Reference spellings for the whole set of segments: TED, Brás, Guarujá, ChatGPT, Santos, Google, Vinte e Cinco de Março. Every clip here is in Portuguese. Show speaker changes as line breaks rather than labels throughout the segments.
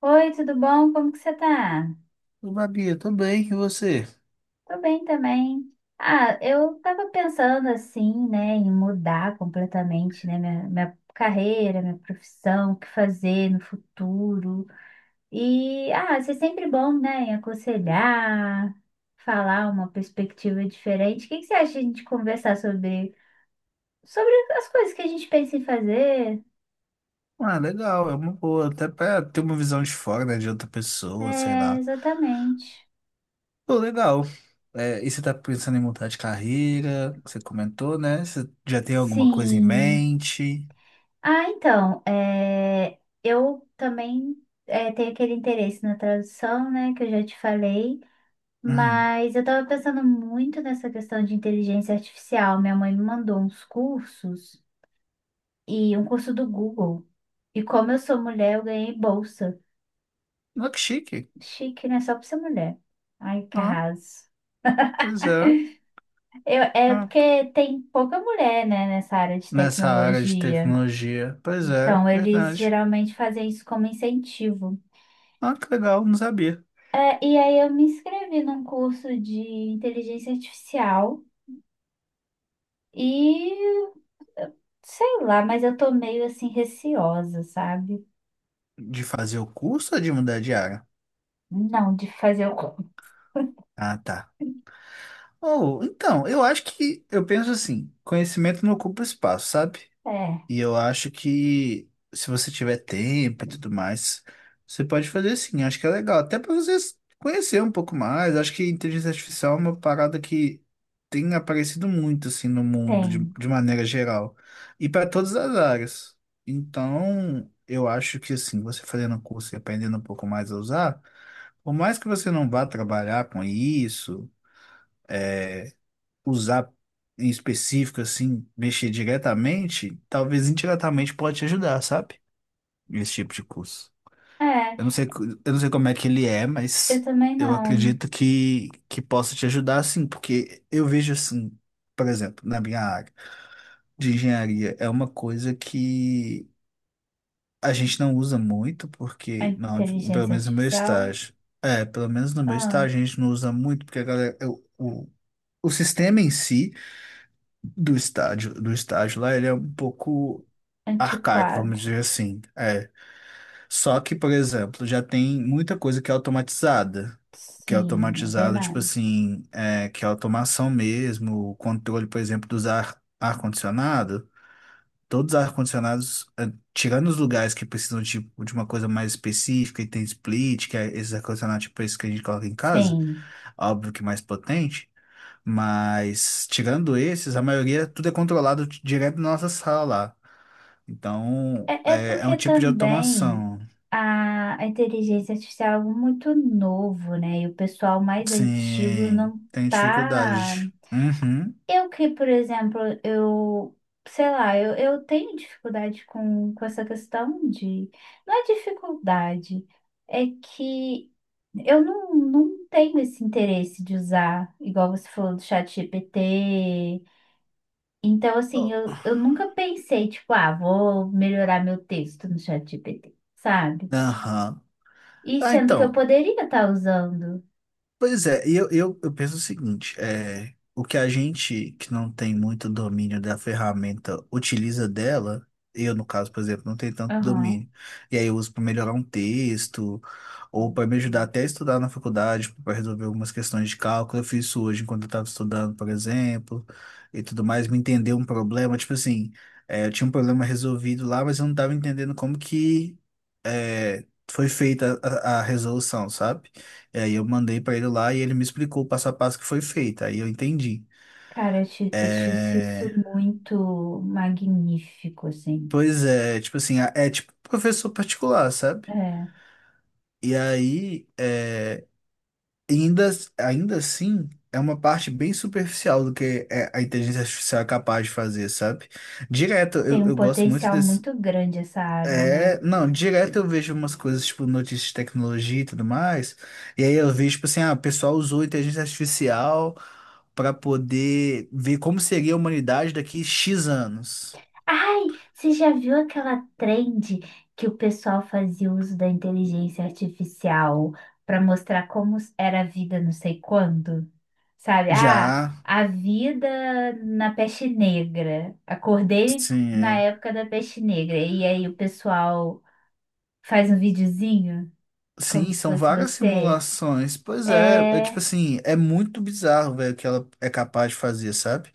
Oi, tudo bom? Como que você tá?
Ô, Babi, eu tô bem, e você?
Tô bem também. Eu tava pensando assim, né, em mudar completamente, né, minha carreira, minha profissão, o que fazer no futuro. E, isso é sempre bom, né, em aconselhar, falar uma perspectiva diferente. O que que você acha de a gente conversar sobre as coisas que a gente pensa em fazer?
Ah, legal, é uma boa, até pra ter uma visão de fora, né, de outra pessoa, sei
É,
lá.
exatamente.
Pô, legal. É, e você tá pensando em mudar de carreira? Você comentou, né? Você já tem alguma coisa em
Sim.
mente?
Ah, então, é, eu também tenho aquele interesse na tradução, né, que eu já te falei,
Hum,
mas eu estava pensando muito nessa questão de inteligência artificial. Minha mãe me mandou uns cursos e um curso do Google. E como eu sou mulher, eu ganhei bolsa.
olha que chique.
Chique, né? Só por ser mulher. Ai, que
Ah,
arraso.
pois é.
É
Ah,
porque tem pouca mulher, né, nessa área de
nessa área de
tecnologia.
tecnologia. Pois é,
Então, eles
verdade.
geralmente fazem isso como incentivo.
Ah, que legal, não sabia.
É, e aí eu me inscrevi num curso de inteligência artificial e eu- sei lá, mas eu tô meio assim receosa, sabe?
De fazer o curso ou de mudar de área?
Não, de fazer o curso.
Ah, tá. Oh, então, eu penso assim, conhecimento não ocupa espaço, sabe?
É,
E eu acho que se você tiver tempo e tudo mais, você pode fazer sim, acho que é legal, até para você conhecer um pouco mais, acho que inteligência artificial é uma parada que tem aparecido muito, assim, no mundo,
tem.
de maneira geral, e para todas as áreas. Então, eu acho que, assim, você fazendo um curso e aprendendo um pouco mais a usar, por mais que você não vá trabalhar com isso, usar em específico, assim, mexer diretamente, talvez indiretamente pode te ajudar, sabe? Esse tipo de curso.
É,
Eu não sei, eu não sei como é que ele é,
eu
mas
também
eu
não.
acredito que possa te ajudar, sim, porque eu vejo assim, por exemplo, na minha área de engenharia, é uma coisa que a gente não usa muito,
A
porque, não, pelo
inteligência
menos no meu
artificial?
estágio. É, pelo menos no meu
Ah,
estágio a gente não usa muito, porque a galera, o, o o sistema em si. Do estádio, do estádio lá, ele é um pouco arcaico,
antiquado.
vamos dizer assim. É. Só que, por exemplo, já tem muita coisa que é automatizada. Que é
Sim, é
automatizada, tipo
verdade.
assim, é, que é automação mesmo, o controle, por exemplo, dos ar, ar-condicionado. Todos os ar-condicionados, é, tirando os lugares que precisam de uma coisa mais específica, e tem split, que é esses ar-condicionados, tipo esse que a gente coloca em casa,
Sim.
óbvio que mais potente. Mas, tirando esses, a maioria tudo é controlado direto na nossa sala lá. Então,
É, é
é, é um
porque
tipo de
também
automação.
a inteligência artificial é algo muito novo, né? E o pessoal mais antigo
Sim,
não
tem
tá.
dificuldade. Uhum.
Eu que, por exemplo, eu, sei lá, eu tenho dificuldade com essa questão de. Não é dificuldade, é que eu não, não tenho esse interesse de usar, igual você falou do chat GPT. Então, assim,
Oh,
eu nunca pensei, tipo, ah, vou melhorar meu texto no chat GPT, sabe?
aham.
E
Ah,
sendo que eu
então.
poderia estar usando.
Pois é, e eu penso o seguinte, é, o que a gente que não tem muito domínio da ferramenta utiliza dela, eu no caso, por exemplo, não tenho tanto
Aham.
domínio, e aí eu uso para melhorar um texto, ou para me ajudar até a estudar na faculdade, para resolver algumas questões de cálculo, eu fiz isso hoje enquanto eu estava estudando, por exemplo, e tudo mais, me entender um problema, tipo assim, é, eu tinha um problema resolvido lá, mas eu não estava entendendo como que é, foi feita a resolução, sabe? É, e aí eu mandei pra ele lá e ele me explicou o passo a passo que foi feito. Aí eu entendi.
Cara, eu acho isso
É...
muito magnífico, assim.
Pois é, tipo assim, é tipo professor particular, sabe?
É,
E aí, é... ainda, ainda assim, é uma parte bem superficial do a inteligência artificial é capaz de fazer, sabe? Direto,
tem um
eu gosto muito
potencial
desse.
muito grande essa área, né?
É, não, direto eu vejo umas coisas, tipo, notícias de tecnologia e tudo mais. E aí eu vejo, tipo assim, ah, o pessoal usou inteligência artificial para poder ver como seria a humanidade daqui X anos.
Ai, você já viu aquela trend que o pessoal fazia uso da inteligência artificial para mostrar como era a vida não sei quando? Sabe? Ah,
Já,
a vida na peste negra. Acordei
sim,
na
é.
época da peste negra. E aí o pessoal faz um videozinho como
Sim,
se
são
fosse
várias
você.
simulações. Pois é, é
É,
tipo
é,
assim, é muito bizarro, velho, o que ela é capaz de fazer, sabe?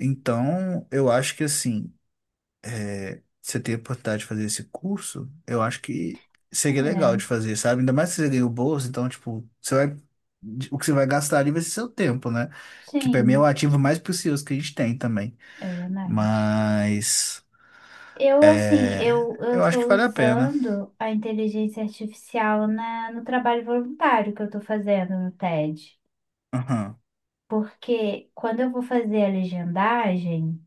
Então, eu acho que assim, você ter a oportunidade de fazer esse curso, eu acho que seria legal de fazer, sabe? Ainda mais se você ganha o bolso, então, tipo, você vai, o que você vai gastar ali vai ser seu tempo, né? Que pra mim é o
sim,
ativo mais precioso que a gente tem também.
é verdade.
Mas. Eu
Eu
acho
tô
que vale a pena.
usando a inteligência artificial no trabalho voluntário que eu tô fazendo no TED.
Aham,
Porque quando eu vou fazer a legendagem,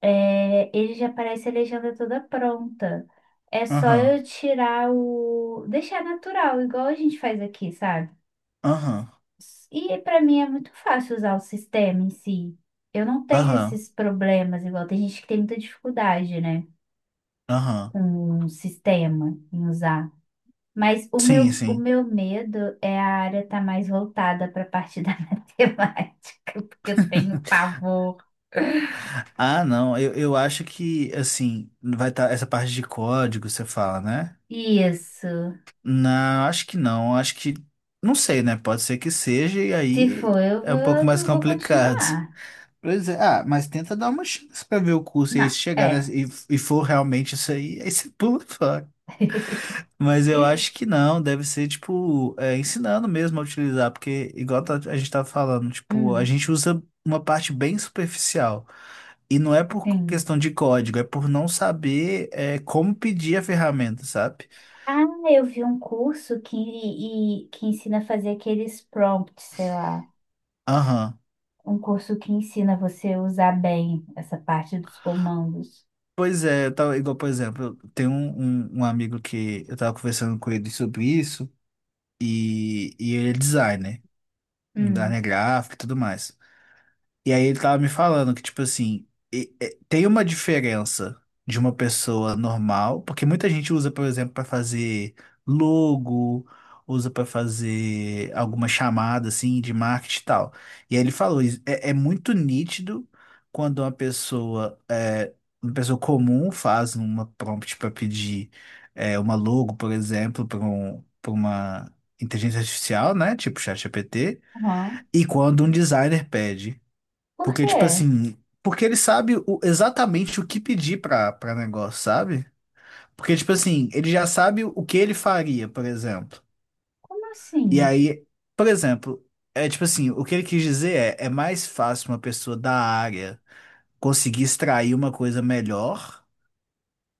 é, ele já aparece a legenda toda pronta. É só
aham,
eu tirar o... Deixar natural, igual a gente faz aqui, sabe?
aham,
E para mim é muito fácil usar o sistema em si. Eu não tenho
aham,
esses problemas, igual tem gente que tem muita dificuldade, né?
aham.
Com o sistema em usar. Mas
Sim,
o
sim.
meu medo é a área estar mais voltada para a parte da matemática, porque eu tenho pavor.
Ah, não, eu acho que, assim, vai estar essa parte de código, você fala, né?
Isso.
Não, acho que não, acho que, não sei, né? Pode ser que seja, e
Se
aí
for, eu
é um pouco
vou,
mais
não vou
complicado.
continuar.
Pois é, ah, mas tenta dar uma chance pra ver o curso, e aí
Não,
se chegar, né?
é.
E for realmente isso aí, aí você pula fora. Mas eu acho que não, deve ser, tipo, é, ensinando mesmo a utilizar, porque, a gente tá falando, tipo, a
Hum,
gente usa uma parte bem superficial. E não é por
sim.
questão de código, é por não saber, é, como pedir a ferramenta, sabe?
Ah, eu vi um curso que ensina a fazer aqueles prompts, sei lá.
Aham.
Um curso que ensina você a usar bem essa parte dos comandos.
Pois é, eu tava, igual, por exemplo, eu tenho um amigo que eu tava conversando com ele sobre isso, e ele é designer, um
Hum.
designer gráfico e tudo mais. E aí ele tava me falando que, tipo assim, tem uma diferença de uma pessoa normal, porque muita gente usa, por exemplo, para fazer logo, usa para fazer alguma chamada assim de marketing e tal. E aí ele falou, isso é, é muito nítido quando uma pessoa, é, uma pessoa comum faz uma prompt para pedir é, uma logo, por exemplo, para uma inteligência artificial, né? Tipo ChatGPT,
Aham.
e quando um designer pede.
Por
Porque,
quê?
tipo assim, porque ele sabe exatamente o que pedir pra negócio, sabe? Porque, tipo assim, ele já sabe o que ele faria, por exemplo.
Como
E
assim?
aí, por exemplo, é tipo assim, o que ele quis dizer é, é mais fácil uma pessoa da área conseguir extrair uma coisa melhor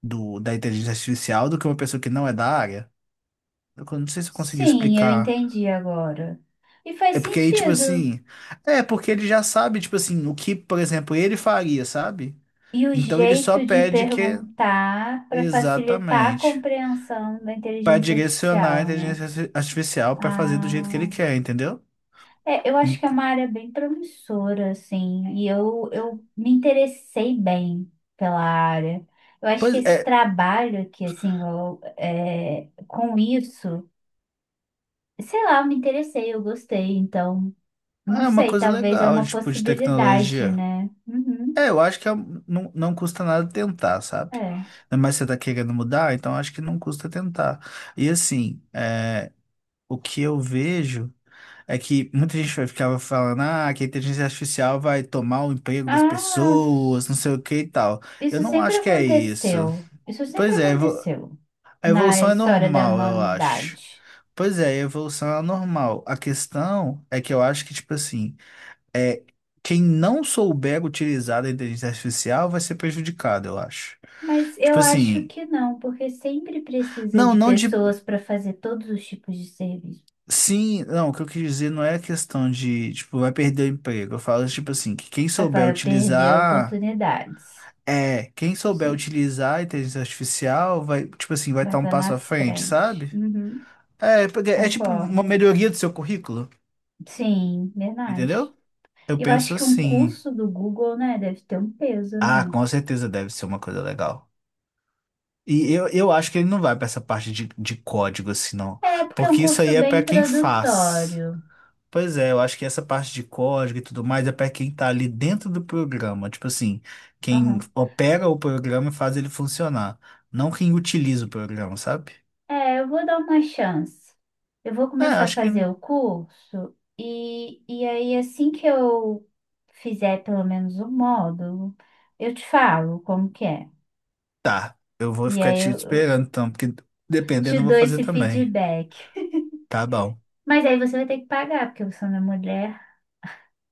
do, da inteligência artificial do que uma pessoa que não é da área. Eu não sei se eu consegui
Sim, eu
explicar.
entendi agora. E faz
É porque aí, tipo
sentido.
assim, é porque ele já sabe, tipo assim, o que, por exemplo, ele faria, sabe?
E o
Então ele só
jeito de
pede que
perguntar para facilitar a
exatamente.
compreensão da
Para
inteligência
direcionar a
artificial, né?
inteligência artificial para fazer do jeito que ele
Ah,
quer, entendeu?
é, eu acho
Hum,
que é uma área bem promissora, assim, e eu me interessei bem pela área. Eu acho que
Pois
esse
é,
trabalho aqui, assim, eu, é, com isso, sei lá, eu me interessei, eu gostei, então, não
é uma
sei,
coisa
talvez é
legal,
uma
tipo, de
possibilidade,
tecnologia.
né? Uhum.
É, eu acho que não, não custa nada tentar, sabe?
É.
Mas você tá querendo mudar, então acho que não custa tentar. E assim, é, o que eu vejo é que muita gente ficava falando, ah, que a inteligência artificial vai tomar o emprego das
Ah,
pessoas, não sei o que e tal. Eu
isso
não
sempre
acho que é isso.
aconteceu. Isso sempre
Pois é,
aconteceu
a
na
evolução é
história da
normal, eu acho.
humanidade.
Pois é, a evolução é normal. A questão é que eu acho que, tipo assim, é quem não souber utilizar a inteligência artificial vai ser prejudicado, eu acho.
Mas
Tipo
eu acho
assim,
que não, porque sempre precisa
não,
de
não de.
pessoas para fazer todos os tipos de serviço.
Sim, não, o que eu quis dizer não é questão de, tipo, vai perder o emprego. Eu falo, tipo assim, que quem souber
Vai perder
utilizar.
oportunidades.
É, quem souber
Sim,
utilizar a inteligência artificial vai, tipo assim, vai
vai
estar um
estar na
passo à frente,
frente.
sabe?
Uhum,
É, porque é tipo uma
concordo.
melhoria do seu currículo,
Sim, verdade.
entendeu? Eu
Eu
penso
acho que um
assim,
curso do Google, né, deve ter um peso,
ah,
né?
com certeza deve ser uma coisa legal. E eu acho que ele não vai pra essa parte de código assim, não.
É, porque é um
Porque isso
curso
aí é
bem
pra quem faz.
introdutório.
Pois é, eu acho que essa parte de código e tudo mais é pra quem tá ali dentro do programa. Tipo assim, quem
Aham.
opera o programa e faz ele funcionar. Não quem utiliza o programa, sabe?
É, eu vou dar uma chance. Eu vou
É,
começar a
acho que
fazer o curso e aí assim que eu fizer pelo menos um módulo, eu te falo como que é.
tá. Eu vou
E
ficar
aí
te
eu
esperando então, porque
te
dependendo eu vou
dou
fazer
esse
também.
feedback.
Tá bom.
Mas aí você vai ter que pagar, porque você não é mulher.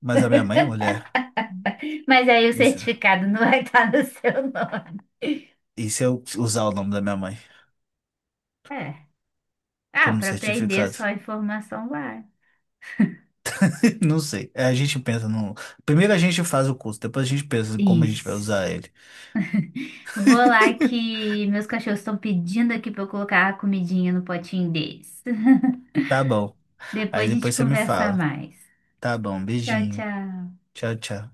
Mas a minha mãe é mulher.
Mas aí o
Isso.
certificado não vai estar no seu nome.
E se eu usar o nome da minha mãe
É. Ah,
como
para aprender
certificado?
só a informação vai.
Não sei. É, a gente pensa no. Primeiro a gente faz o curso, depois a gente pensa em como a gente vai usar
Isso.
ele.
Vou lá que meus cachorros estão pedindo aqui para eu colocar a comidinha no potinho deles.
Tá bom.
Depois
Aí
a gente
depois você me
conversa
fala.
mais.
Tá bom,
Tchau,
beijinho.
tchau.
Tchau, tchau.